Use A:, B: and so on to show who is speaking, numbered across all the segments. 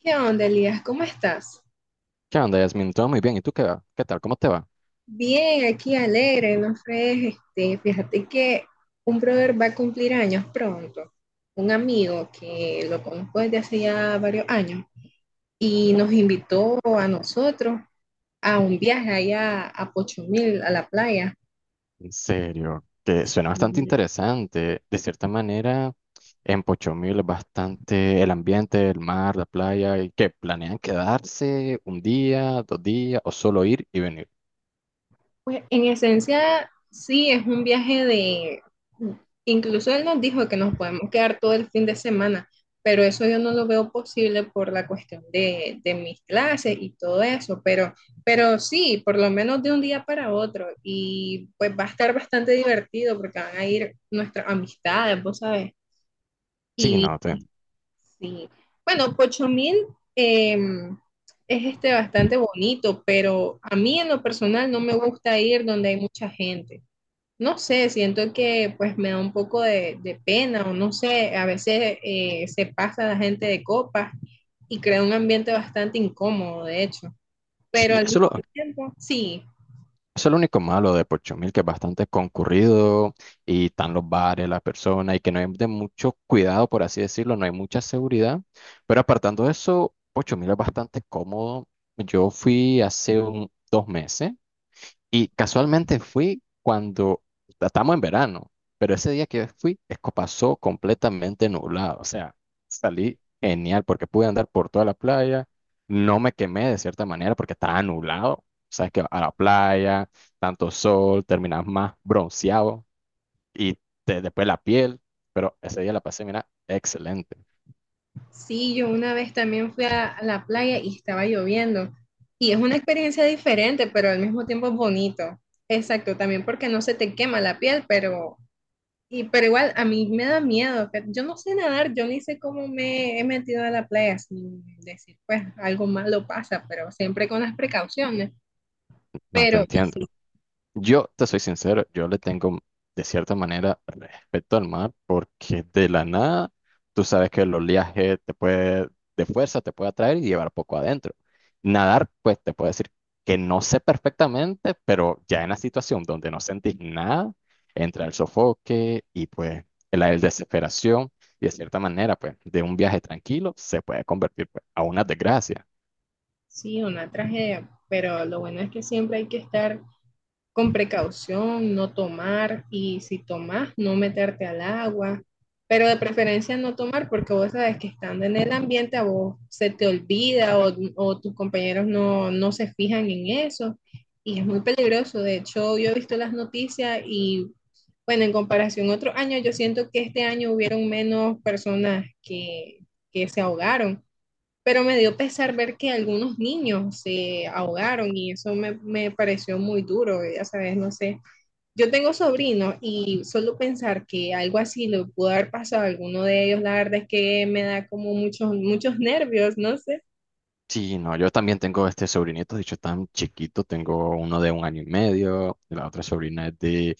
A: ¿Qué onda, Elías? ¿Cómo estás?
B: ¿Qué onda, Yasmin? Todo muy bien. ¿Y tú qué va? ¿Qué tal? ¿Cómo te va?
A: Bien, aquí alegre, no fregues, fíjate que un brother va a cumplir años pronto, un amigo que lo conozco desde hace ya varios años y nos invitó a nosotros a un viaje allá a Pochomil, a la playa.
B: En serio, que suena bastante interesante. De cierta manera, en Pochomil es bastante el ambiente, el mar, la playa, y que planean quedarse un día, 2 días, o solo ir y venir.
A: Pues en esencia, sí, es un viaje de… Incluso él nos dijo que nos podemos quedar todo el fin de semana, pero eso yo no lo veo posible por la cuestión de mis clases y todo eso, pero sí, por lo menos de un día para otro. Y pues va a estar bastante divertido porque van a ir nuestras amistades, vos sabes.
B: Sí, no,
A: Sí. Bueno, Pochomil eh, es bastante bonito, pero a mí en lo personal no me gusta ir donde hay mucha gente. No sé, siento que pues me da un poco de pena o no sé, a veces se pasa la gente de copas y crea un ambiente bastante incómodo, de hecho. Pero
B: sí,
A: al
B: eso
A: mismo tiempo, sí,
B: Eso es lo único malo de Pochumil, que es bastante concurrido y están los bares, las personas, y que no hay de mucho cuidado, por así decirlo, no hay mucha seguridad. Pero apartando eso, Pochumil es bastante cómodo. Yo fui hace 2 meses y casualmente fui cuando estamos en verano, pero ese día que fui, es que pasó completamente nublado. O sea, salí genial porque pude andar por toda la playa. No me quemé de cierta manera porque estaba nublado. Sabes que a la playa, tanto sol, terminas más bronceado y después la piel. Pero ese día la pasé, mira, excelente.
A: sí, yo una vez también fui a la playa y estaba lloviendo. Y es una experiencia diferente, pero al mismo tiempo es bonito. Exacto, también porque no se te quema la piel, pero, y, pero igual a mí me da miedo. Yo no sé nadar, yo ni sé cómo me he metido a la playa sin decir, pues algo malo pasa, pero siempre con las precauciones.
B: No te
A: Pero
B: entiendo.
A: sí,
B: Yo te soy sincero, yo le tengo de cierta manera respeto al mar porque de la nada tú sabes que el oleaje te puede, de fuerza te puede atraer y llevar poco adentro. Nadar, pues te puedo decir que no sé perfectamente, pero ya en la situación donde no sentís nada, entra el sofoque y pues la desesperación y de cierta manera, pues de un viaje tranquilo se puede convertir pues, a una desgracia.
A: sí, una tragedia. Pero lo bueno es que siempre hay que estar con precaución, no tomar y si tomas, no meterte al agua, pero de preferencia no tomar porque vos sabes que estando en el ambiente a vos se te olvida o tus compañeros no, no, se fijan en eso y es muy peligroso. De hecho, yo he visto las noticias y bueno, en comparación a otros años, yo siento que este año hubieron menos personas que se ahogaron, pero me dio pesar ver que algunos niños se ahogaron y eso me pareció muy duro, ya sabes, no sé. Yo tengo sobrinos y solo pensar que algo así le pudo haber pasado a alguno de ellos, la verdad es que me da como muchos, muchos nervios, no sé.
B: Sí, no, yo también tengo este sobrinito, de hecho tan chiquito, tengo uno de un año y medio, la otra sobrina es de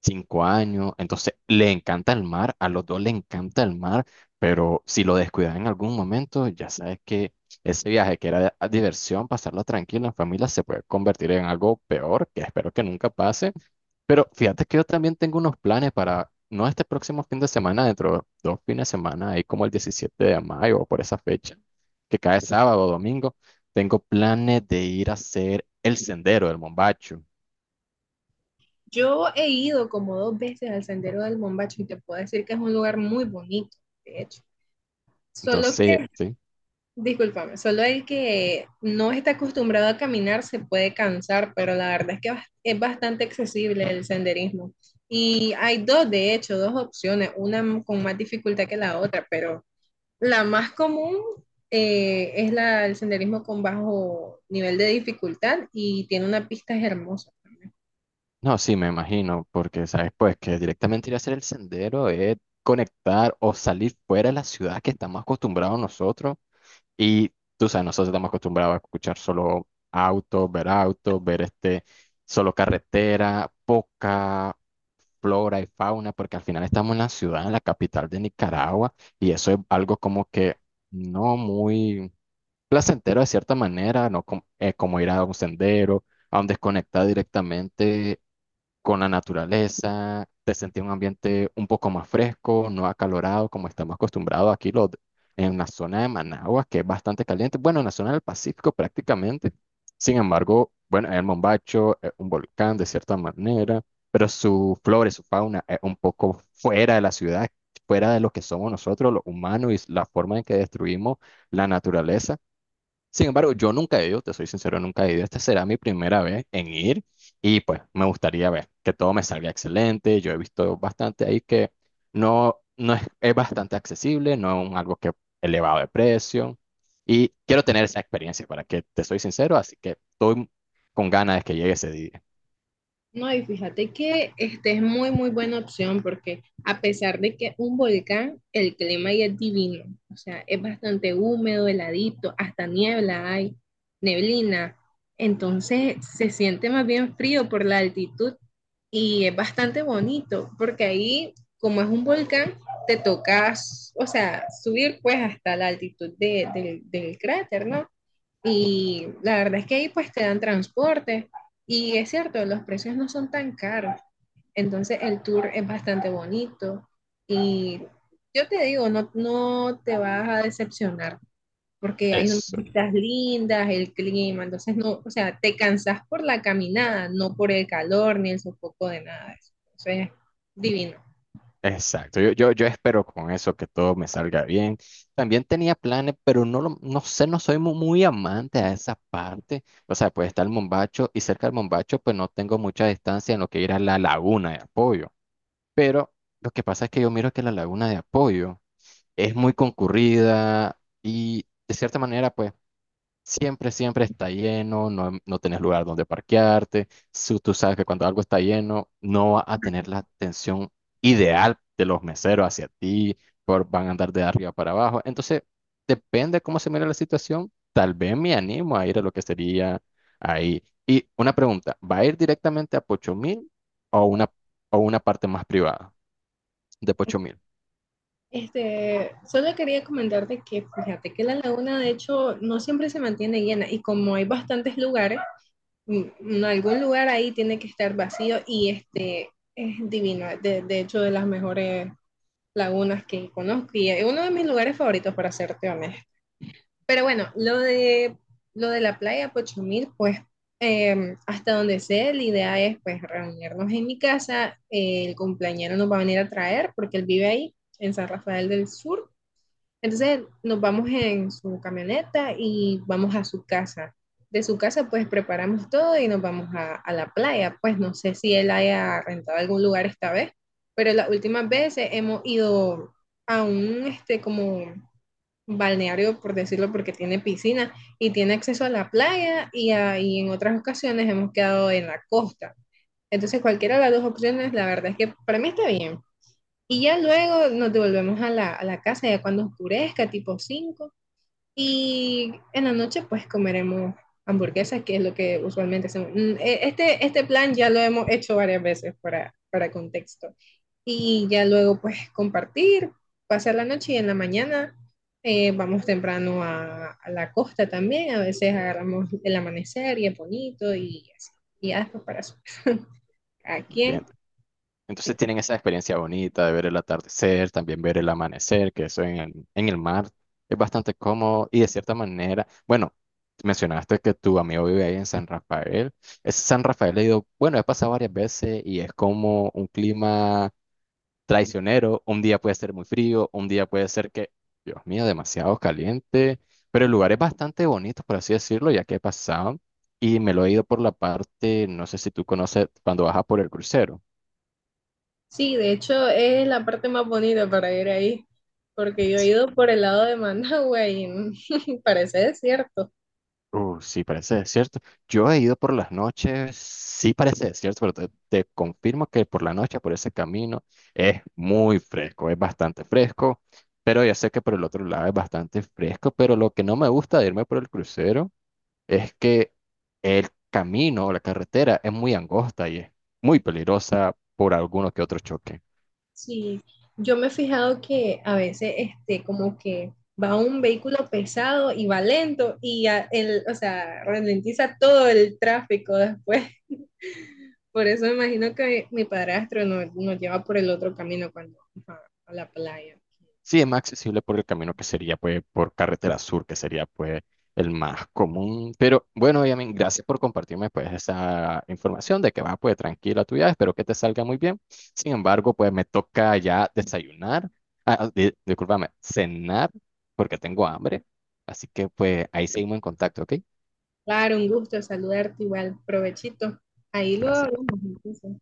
B: 5 años, entonces le encanta el mar, a los dos le encanta el mar, pero si lo descuidas en algún momento, ya sabes que ese viaje que era a diversión, pasarlo tranquilo en familia, se puede convertir en algo peor, que espero que nunca pase, pero fíjate que yo también tengo unos planes para, no este próximo fin de semana, dentro de 2 fines de semana, ahí como el 17 de mayo o por esa fecha, que cae sábado o domingo, tengo planes de ir a hacer el sendero del Mombacho.
A: Yo he ido como dos veces al Sendero del Bombacho y te puedo decir que es un lugar muy bonito, de hecho. Solo…
B: Entonces, sí,
A: Discúlpame, solo el que no está acostumbrado a caminar se puede cansar, pero la verdad es que es bastante accesible el senderismo. Y hay dos, de hecho, dos opciones, una con más dificultad que la otra, pero la más común, es el senderismo con bajo nivel de dificultad y tiene unas pistas hermosas.
B: no, sí, me imagino, porque sabes, pues que directamente ir a hacer el sendero es conectar o salir fuera de la ciudad que estamos acostumbrados nosotros. Y tú sabes, nosotros estamos acostumbrados a escuchar solo autos, ver este, solo carretera, poca flora y fauna, porque al final estamos en la ciudad, en la capital de Nicaragua, y eso es algo como que no muy placentero de cierta manera, ¿no? Como ir a un sendero, a un desconectar directamente con la naturaleza, te sentí un ambiente un poco más fresco, no acalorado como estamos acostumbrados aquí en la zona de Managua, que es bastante caliente, bueno, en la zona del Pacífico prácticamente. Sin embargo, bueno, el Mombacho es un volcán de cierta manera, pero su flora y su fauna es un poco fuera de la ciudad, fuera de lo que somos nosotros los humanos y la forma en que destruimos la naturaleza. Sin embargo, yo nunca he ido, te soy sincero, nunca he ido. Esta será mi primera vez en ir y pues me gustaría ver que todo me salga excelente. Yo he visto bastante ahí que no, no es, es bastante accesible, no es un algo que elevado de precio y quiero tener esa experiencia para que te soy sincero, así que estoy con ganas de que llegue ese día.
A: No, y fíjate que es muy, muy buena opción porque a pesar de que un volcán, el clima ahí es divino. O sea, es bastante húmedo, heladito, hasta niebla hay, neblina. Entonces se siente más bien frío por la altitud y es bastante bonito porque ahí, como es un volcán, te tocas, o sea, subir pues hasta la altitud del cráter, ¿no? Y la verdad es que ahí pues te dan transporte y es cierto, los precios no son tan caros. Entonces el tour es bastante bonito y yo te digo, no, no te vas a decepcionar porque hay unas
B: Eso.
A: vistas lindas, el clima, entonces no, o sea, te cansas por la caminada, no por el calor ni el sofoco de nada de eso. Entonces, divino.
B: Exacto, yo espero con eso que todo me salga bien. También tenía planes, pero no, lo- no sé, no soy muy, amante a esa parte. O sea, pues está el Mombacho y cerca del Mombacho, pues no tengo mucha distancia en lo que ir a la Laguna de Apoyo. Pero lo que pasa es que yo miro que la Laguna de Apoyo es muy concurrida y de cierta manera, pues. Siempre, siempre está lleno, no, no tenés lugar donde parquearte. Tú sabes que cuando algo está lleno, no va a tener la atención ideal de los meseros hacia ti, van a andar de arriba para abajo. Entonces, depende cómo se mire la situación. Tal vez me animo a ir a lo que sería ahí. Y una pregunta, ¿va a ir directamente a Pochomil o una, o una parte más privada de Pochomil?
A: Solo quería comentarte que fíjate que la laguna de hecho no siempre se mantiene llena y como hay bastantes lugares, en algún lugar ahí tiene que estar vacío y este es divino, de hecho de las mejores lagunas que conozco y es uno de mis lugares favoritos para serte honesto. Pero bueno, lo de la playa Pochumil, pues hasta donde sé, la idea es pues reunirnos en mi casa, el cumpleañero nos va a venir a traer porque él vive ahí, en San Rafael del Sur, entonces nos vamos en su camioneta y vamos a su casa. De su casa pues preparamos todo y nos vamos a la playa. Pues no sé si él haya rentado algún lugar esta vez, pero las últimas veces hemos ido a un como balneario, por decirlo, porque tiene piscina y tiene acceso a la playa y en otras ocasiones hemos quedado en la costa. Entonces cualquiera de las dos opciones, la verdad es que para mí está bien. Y ya luego nos devolvemos a a la casa, ya cuando oscurezca, tipo cinco. Y en la noche, pues comeremos hamburguesas, que es lo que usualmente hacemos. Este plan ya lo hemos hecho varias veces para contexto. Y ya luego, pues compartir, pasar la noche y en la mañana, vamos temprano a la costa también. A veces agarramos el amanecer y es bonito y así. Y ya después para su casa. ¿A quién?
B: ¿Entiendes? Entonces tienen esa experiencia bonita de ver el atardecer, también ver el amanecer, que eso en el, mar es bastante cómodo y de cierta manera, bueno, mencionaste que tu amigo vive ahí en San Rafael. Es San Rafael, he ido, bueno, he pasado varias veces y es como un clima traicionero. Un día puede ser muy frío, un día puede ser que, Dios mío, demasiado caliente, pero el lugar es bastante bonito, por así decirlo, ya que he pasado y me lo he ido por la parte, no sé si tú conoces, cuando bajas por el crucero.
A: Sí, de hecho es la parte más bonita para ir ahí, porque yo he ido por el lado de Managua y parece desierto.
B: Sí, parece desierto. Yo he ido por las noches, sí parece desierto, pero te confirmo que por la noche, por ese camino, es muy fresco, es bastante fresco, pero ya sé que por el otro lado es bastante fresco, pero lo que no me gusta de irme por el crucero es que el camino o la carretera es muy angosta y es muy peligrosa por alguno que otro choque.
A: Sí, yo me he fijado que a veces como que va un vehículo pesado y va lento y o sea, ralentiza todo el tráfico después. Por eso me imagino que mi padrastro nos lleva por el otro camino cuando vamos a la playa.
B: Sí, es más accesible por el camino que sería, pues, por Carretera Sur, que sería, pues, el más común. Pero bueno, Yamin, gracias por compartirme, pues, esa información de que va, pues, tranquila tu viaje. Espero que te salga muy bien. Sin embargo, pues, me toca ya desayunar, ah, discúlpame, cenar, porque tengo hambre. Así que, pues, ahí seguimos en contacto, ¿ok?
A: Claro, un gusto saludarte igual, provechito. Ahí lo
B: Gracias.
A: hablamos entonces.